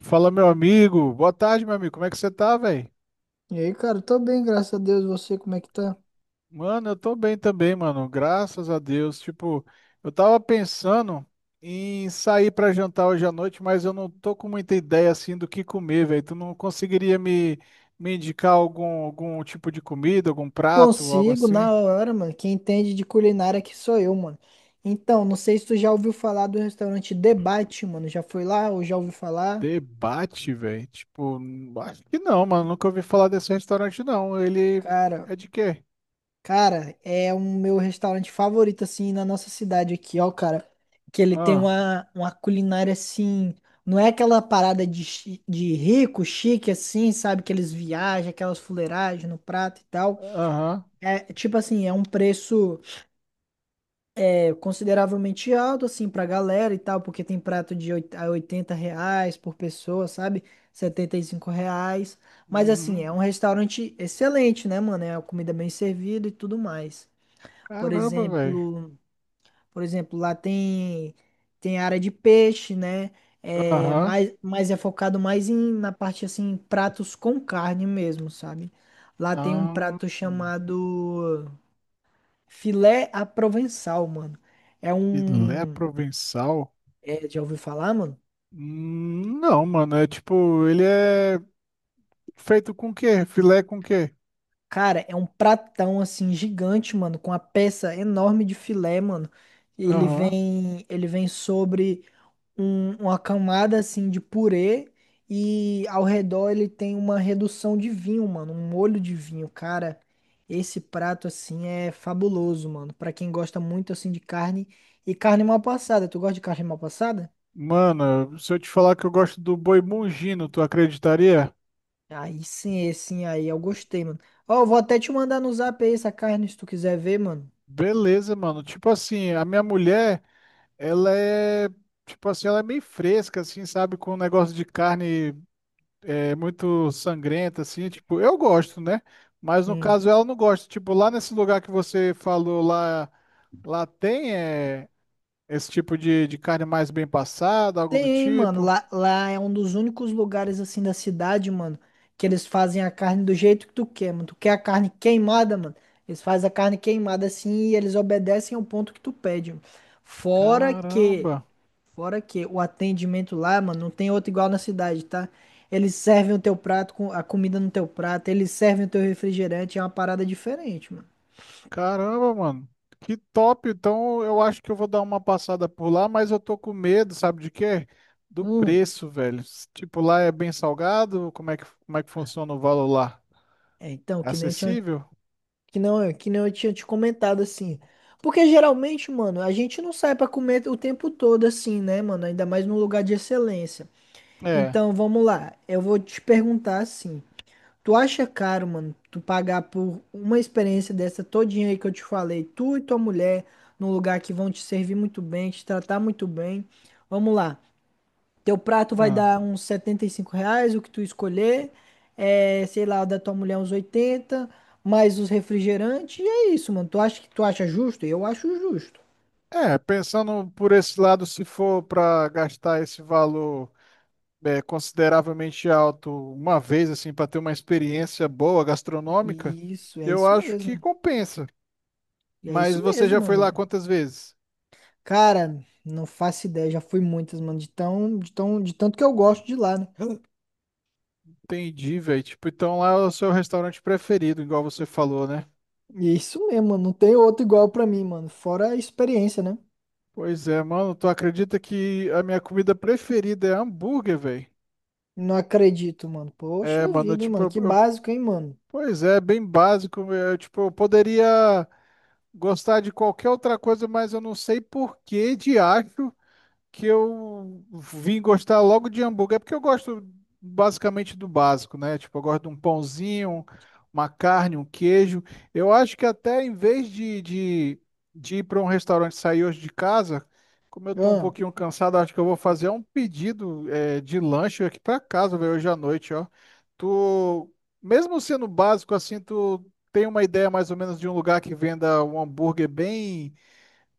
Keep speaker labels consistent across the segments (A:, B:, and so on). A: Fala, meu amigo. Boa tarde, meu amigo. Como é que você tá, velho?
B: E aí, cara, tô bem, graças a Deus. Você, como é que tá?
A: Mano, eu tô bem também, mano. Graças a Deus. Tipo, eu tava pensando em sair pra jantar hoje à noite, mas eu não tô com muita ideia assim do que comer, velho. Tu não conseguiria me indicar algum tipo de comida, algum prato, algo
B: Consigo,
A: assim?
B: na hora, mano. Quem entende de culinária aqui sou eu, mano. Então, não sei se tu já ouviu falar do restaurante Debate, mano. Já foi lá ou já ouviu falar?
A: Debate, velho. Tipo, acho que não, mano. Nunca ouvi falar desse restaurante, não. Ele
B: Cara,
A: é de quê?
B: cara, é o meu restaurante favorito, assim, na nossa cidade aqui, ó, cara. Que ele tem
A: Ah,
B: uma culinária, assim... Não é aquela parada de, de rico, chique, assim, sabe? Que eles viajam, aquelas fuleiragens no prato e tal.
A: aham.
B: É, tipo assim, é um preço... É consideravelmente alto, assim, pra galera e tal, porque tem prato de a 80 reais por pessoa, sabe? 75 reais. Mas, assim, é
A: Uhum.
B: um restaurante excelente, né, mano? É a comida bem servida e tudo mais. Por
A: Caramba, velho.
B: exemplo, por exemplo, lá tem, tem área de peixe, né? É,
A: Aham.
B: mas é focado mais em, na parte, assim, pratos com carne mesmo, sabe? Lá tem um
A: Ah,
B: prato chamado filé à provençal, mano. É
A: filé
B: um
A: provençal?
B: é, já ouviu falar, mano?
A: Não, mano, é tipo, ele é feito com quê? Filé com quê?
B: Cara, é um pratão assim gigante, mano, com uma peça enorme de filé, mano. Ele
A: Aham.
B: vem, ele vem sobre uma camada assim de purê e ao redor ele tem uma redução de vinho, mano, um molho de vinho, cara. Esse prato assim é fabuloso, mano, pra quem gosta muito assim de carne e carne mal passada. Tu gosta de carne mal passada?
A: Mano, se eu te falar que eu gosto do boi mungino, tu acreditaria?
B: Aí sim, esse sim, aí eu gostei, mano. Ó, eu vou até te mandar no zap aí essa carne se tu quiser ver, mano.
A: Beleza, mano. Tipo assim, a minha mulher, ela é, tipo assim, ela é meio fresca, assim, sabe? Com um negócio de carne é, muito sangrenta, assim. Tipo, eu gosto, né? Mas no
B: Sim.
A: caso ela não gosta. Tipo, lá nesse lugar que você falou lá, lá tem, é. Esse tipo de carne mais bem passada, algo do
B: Tem, mano.
A: tipo.
B: Lá é um dos únicos lugares assim da cidade, mano, que eles fazem a carne do jeito que tu quer, mano. Tu quer a carne queimada, mano. Eles fazem a carne queimada assim e eles obedecem ao ponto que tu pede, mano. Fora que,
A: Caramba,
B: fora que o atendimento lá, mano, não tem outro igual na cidade, tá? Eles servem o teu prato com a comida no teu prato, eles servem o teu refrigerante, é uma parada diferente, mano.
A: caramba, mano. Que top. Então eu acho que eu vou dar uma passada por lá, mas eu tô com medo, sabe de quê? Do
B: Hum.
A: preço, velho. Tipo, lá é bem salgado? Como é que funciona o valor lá?
B: É, então,
A: É
B: que nem eu tinha
A: acessível?
B: que não eu tinha te comentado assim. Porque geralmente, mano, a gente não sai pra comer o tempo todo assim, né, mano? Ainda mais num lugar de excelência.
A: É.
B: Então, vamos lá. Eu vou te perguntar assim. Tu acha caro, mano, tu pagar por uma experiência dessa todinha aí que eu te falei, tu e tua mulher, num lugar que vão te servir muito bem, te tratar muito bem? Vamos lá. Teu prato vai
A: Ah.
B: dar uns 75 reais, o que tu escolher. É, sei lá, o da tua mulher uns 80 mais os refrigerantes, e é isso, mano. Tu acha justo? Eu acho justo.
A: É, pensando por esse lado, se for para gastar esse valor, é, consideravelmente alto uma vez, assim, para ter uma experiência boa gastronômica,
B: Isso, é
A: eu
B: isso
A: acho que
B: mesmo.
A: compensa.
B: E é
A: Mas
B: isso
A: você já
B: mesmo,
A: foi lá
B: mano.
A: quantas vezes?
B: Cara, não faço ideia, já fui muitas, mano, de tanto que eu gosto de lá, né?
A: Entendi, velho. Tipo, então lá é o seu restaurante preferido, igual você falou, né?
B: E é isso mesmo, mano, não tem outro igual pra mim, mano, fora a experiência, né?
A: Pois é, mano, tu acredita que a minha comida preferida é hambúrguer, velho?
B: Não acredito, mano.
A: É,
B: Poxa
A: mano,
B: vida, hein,
A: tipo,
B: mano, que básico, hein, mano.
A: pois é, bem básico. Eu, tipo, eu poderia gostar de qualquer outra coisa, mas eu não sei por que de acho que eu vim gostar logo de hambúrguer, é porque eu gosto basicamente do básico, né? Tipo, eu gosto de um pãozinho, uma carne, um queijo. Eu acho que até em vez de ir para um restaurante sair hoje de casa, como eu tô um
B: Ah.
A: pouquinho cansado, acho que eu vou fazer um pedido de lanche aqui para casa, velho, hoje à noite, ó. Tu, mesmo sendo básico assim, tu tem uma ideia mais ou menos de um lugar que venda um hambúrguer bem,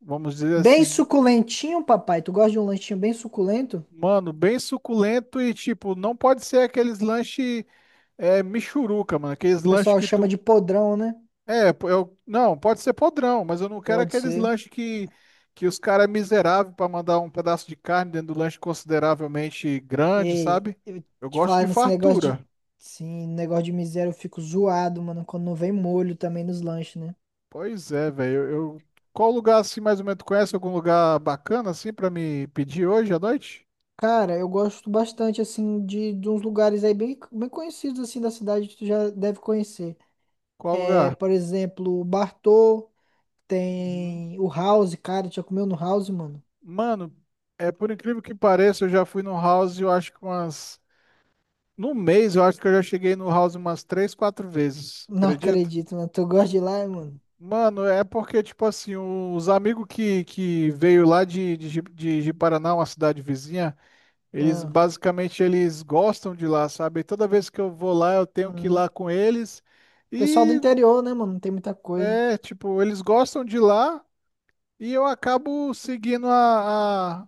A: vamos dizer
B: Bem
A: assim,
B: suculentinho, papai. Tu gosta de um lanchinho bem suculento? O
A: mano, bem suculento e tipo, não pode ser aqueles lanche é, michuruca, mano. Aqueles lanches
B: pessoal
A: que
B: chama
A: tu.
B: de podrão, né?
A: É, pô, eu, não, pode ser podrão, mas eu não quero
B: Pode
A: aqueles
B: ser.
A: lanches que os caras é miserável pra mandar um pedaço de carne dentro do lanche consideravelmente grande,
B: Ei,
A: sabe?
B: eu
A: Eu
B: te
A: gosto
B: falar
A: de
B: nesse negócio
A: fartura.
B: de. Sim, negócio de miséria, eu fico zoado, mano, quando não vem molho também nos lanches, né?
A: Pois é, velho. Qual lugar assim mais ou menos tu conhece? Algum lugar bacana assim pra me pedir hoje à noite?
B: Cara, eu gosto bastante, assim, de uns lugares aí bem, bem conhecidos, assim, da cidade que tu já deve conhecer.
A: Qual
B: É,
A: lugar?
B: por exemplo, o Bartô,
A: Uhum.
B: tem o House, cara, tu já comeu no House, mano?
A: Mano, é por incrível que pareça, eu já fui no house, eu acho que umas. No mês, eu acho que eu já cheguei no house umas três, quatro vezes,
B: Não
A: acredito?
B: acredito, mano. Tu gosta de ir lá, mano?
A: Mano, é porque, tipo assim, os amigos que veio lá de Paraná, uma cidade vizinha, eles
B: Ah,
A: basicamente eles gostam de lá, sabe? E toda vez que eu vou lá, eu tenho que ir
B: hum.
A: lá com eles.
B: Pessoal do
A: E
B: interior, né, mano? Não tem muita coisa.
A: é, tipo, eles gostam de lá e eu acabo seguindo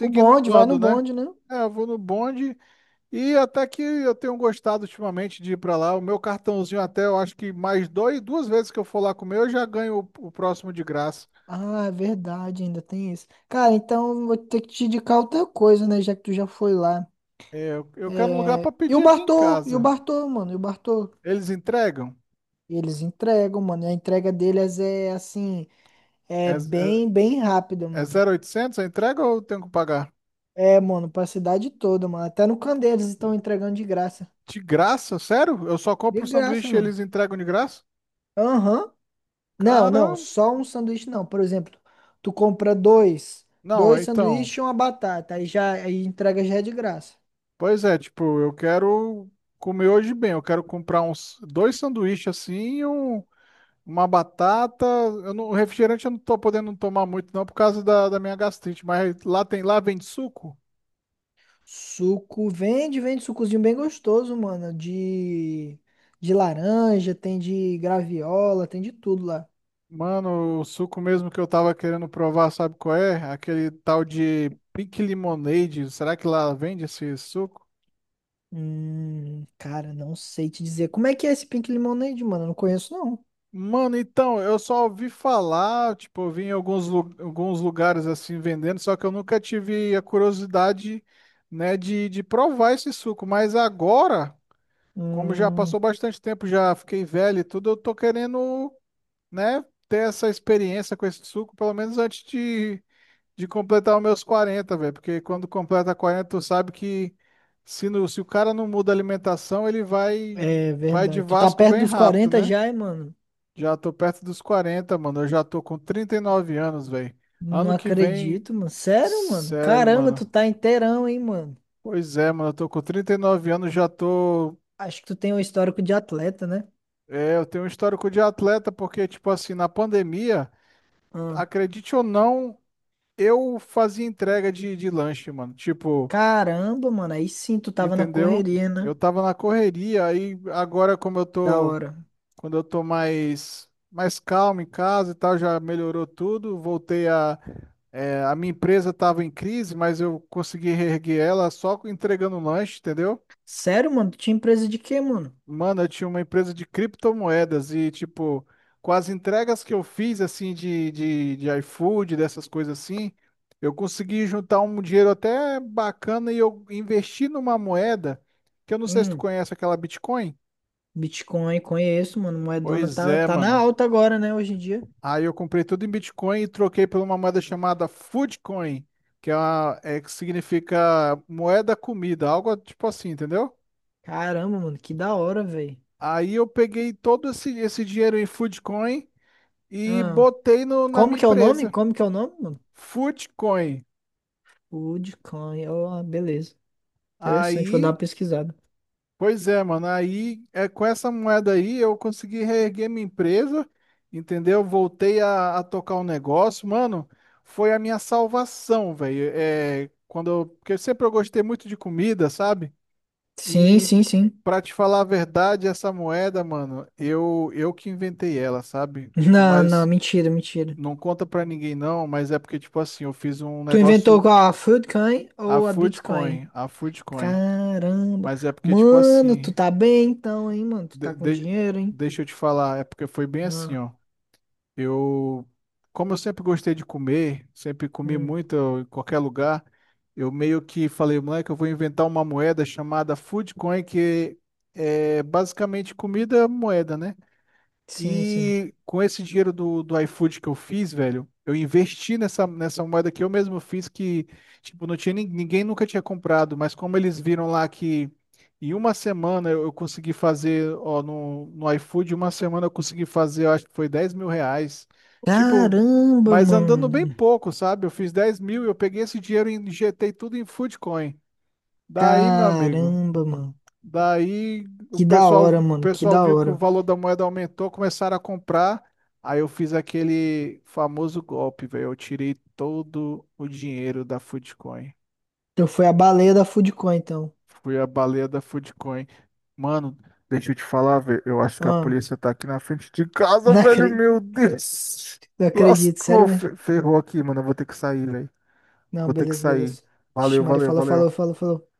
B: O
A: o
B: bonde, vai no
A: bando, né?
B: bonde, né?
A: É, eu vou no bonde. E até que eu tenho gostado ultimamente de ir pra lá. O meu cartãozinho até, eu acho que mais dois, duas vezes que eu for lá comer, eu já ganho o próximo de graça.
B: Ah, é verdade, ainda tem isso. Cara, então eu vou ter que te indicar outra coisa, né? Já que tu já foi lá.
A: É, eu quero um lugar pra
B: É... E o
A: pedir aqui em
B: Bartô, e o
A: casa.
B: Bartô, mano, e o Bartô.
A: Eles entregam?
B: Eles entregam, mano. E a entrega deles é assim,
A: É,
B: é
A: é,
B: bem, bem rápida,
A: é
B: mano.
A: 0800 a entrega ou eu tenho que pagar?
B: É, mano, pra cidade toda, mano. Até no Candeias eles estão entregando de graça.
A: De graça? Sério? Eu só compro
B: De
A: o
B: graça,
A: sanduíche e
B: mano.
A: eles entregam de graça?
B: Aham. Não, não,
A: Caramba!
B: só um sanduíche não. Por exemplo, tu compra dois,
A: Não, é,
B: dois
A: então.
B: sanduíches e uma batata, aí já aí entrega já é de graça.
A: Pois é, tipo, eu quero comer hoje bem. Eu quero comprar uns dois sanduíches assim e uma batata, eu não, refrigerante eu não tô podendo tomar muito não por causa da minha gastrite, mas lá tem, lá vende suco?
B: Suco, vende, vende sucozinho bem gostoso, mano, de laranja, tem de graviola, tem de tudo lá.
A: Mano, o suco mesmo que eu tava querendo provar, sabe qual é? Aquele tal de Pink Lemonade, será que lá vende esse suco?
B: Cara, não sei te dizer. Como é que é esse Pink Lemonade, mano? Eu não conheço não.
A: Mano, então, eu só ouvi falar, tipo, eu vi em alguns lugares assim vendendo, só que eu nunca tive a curiosidade, né, de provar esse suco, mas agora, como já
B: Hum,
A: passou bastante tempo, já fiquei velho e tudo, eu tô querendo né, ter essa experiência com esse suco, pelo menos antes de completar os meus 40, velho. Porque quando completa 40, tu sabe que se o cara não muda a alimentação, ele vai,
B: é
A: vai de
B: verdade. Tu tá
A: Vasco
B: perto
A: bem
B: dos
A: rápido,
B: 40
A: né?
B: já, hein, mano?
A: Já tô perto dos 40, mano. Eu já tô com 39 anos, velho.
B: Não
A: Ano que vem,
B: acredito, mano. Sério, mano?
A: sério,
B: Caramba,
A: mano.
B: tu tá inteirão, hein, mano?
A: Pois é, mano, eu tô com 39 anos, já tô.
B: Acho que tu tem um histórico de atleta, né?
A: É, eu tenho um histórico de atleta, porque, tipo assim, na pandemia,
B: Ah.
A: acredite ou não, eu fazia entrega de lanche, mano. Tipo,
B: Caramba, mano, aí sim tu tava na
A: entendeu?
B: correria, né?
A: Eu tava na correria, aí agora como eu
B: Da
A: tô,
B: hora.
A: quando eu tô mais calmo em casa e tal, já melhorou tudo. A minha empresa tava em crise, mas eu consegui reerguer ela só entregando um lanche, entendeu?
B: Sério, mano, tu tinha empresa de quê, mano?
A: Mano, eu tinha uma empresa de criptomoedas e, tipo, com as entregas que eu fiz, assim, de iFood, dessas coisas assim, eu consegui juntar um dinheiro até bacana e eu investi numa moeda, que eu não sei se tu
B: Hum,
A: conhece aquela Bitcoin.
B: Bitcoin, conheço, mano. Moedona
A: Pois é,
B: tá na
A: mano.
B: alta agora, né, hoje em dia.
A: Aí eu comprei tudo em Bitcoin e troquei por uma moeda chamada Foodcoin, que é, uma, é que significa moeda comida, algo tipo assim, entendeu?
B: Caramba, mano, que da hora, velho.
A: Aí eu peguei todo esse dinheiro em Foodcoin e
B: Ah,
A: botei no, na minha empresa,
B: Como que é o nome, mano?
A: Footcoin.
B: Bitcoin, ó, beleza. Interessante, vou dar uma
A: Aí,
B: pesquisada.
A: pois é, mano, aí é com essa moeda aí eu consegui reerguer minha empresa, entendeu? Voltei a tocar o negócio, mano, foi a minha salvação, velho. É, quando eu, porque sempre eu gostei muito de comida, sabe?
B: Sim,
A: E
B: sim, sim.
A: pra te falar a verdade, essa moeda, mano, eu que inventei ela, sabe? Tipo,
B: Não, não,
A: mas
B: mentira, mentira.
A: não conta pra ninguém não, mas é porque tipo assim, eu fiz um
B: Tu inventou
A: negócio.
B: qual? A Foodcoin
A: A
B: ou a Bitcoin?
A: Foodcoin, a Foodcoin.
B: Caramba.
A: Mas é porque, tipo
B: Mano, tu
A: assim,
B: tá bem então, hein, mano? Tu tá
A: de-
B: com
A: de-
B: dinheiro, hein?
A: deixa eu te falar, é porque foi bem assim,
B: Ah,
A: ó. Eu, como eu sempre gostei de comer, sempre comi
B: hum.
A: muito em qualquer lugar, eu meio que falei, moleque, eu vou inventar uma moeda chamada Foodcoin, que é basicamente comida moeda, né?
B: Sim, sim.
A: E com esse dinheiro do iFood que eu fiz, velho, eu investi nessa moeda que eu mesmo fiz, que, tipo, não tinha, ninguém nunca tinha comprado, mas como eles viram lá que em uma semana eu consegui fazer, ó, no iFood, uma semana eu consegui fazer, eu acho que foi 10.000 reais. Tipo,
B: Caramba,
A: mas andando bem
B: mano.
A: pouco, sabe? Eu fiz 10.000 e eu peguei esse dinheiro e injetei tudo em Foodcoin. Daí, meu amigo.
B: Caramba, mano.
A: Daí o
B: Que da
A: pessoal,
B: hora,
A: o
B: mano. Que
A: pessoal
B: da
A: viu que o
B: hora.
A: valor da moeda aumentou, começaram a comprar. Aí eu fiz aquele famoso golpe, velho. Eu tirei todo o dinheiro da Foodcoin.
B: Então foi a baleia da Foodcoin, então.
A: Fui a baleia da Foodcoin. Mano, deixa eu te falar, velho. Eu acho que a
B: Ah,
A: polícia tá aqui na frente de casa,
B: não
A: velho.
B: acredito,
A: Meu Deus.
B: não acredito. Sério
A: Lascou,
B: mesmo?
A: ferrou aqui, mano. Eu vou ter que sair, velho.
B: Não,
A: Vou ter que
B: beleza,
A: sair.
B: beleza. Ixi,
A: Valeu,
B: Maria
A: valeu,
B: falou, falou,
A: valeu.
B: falou, falou.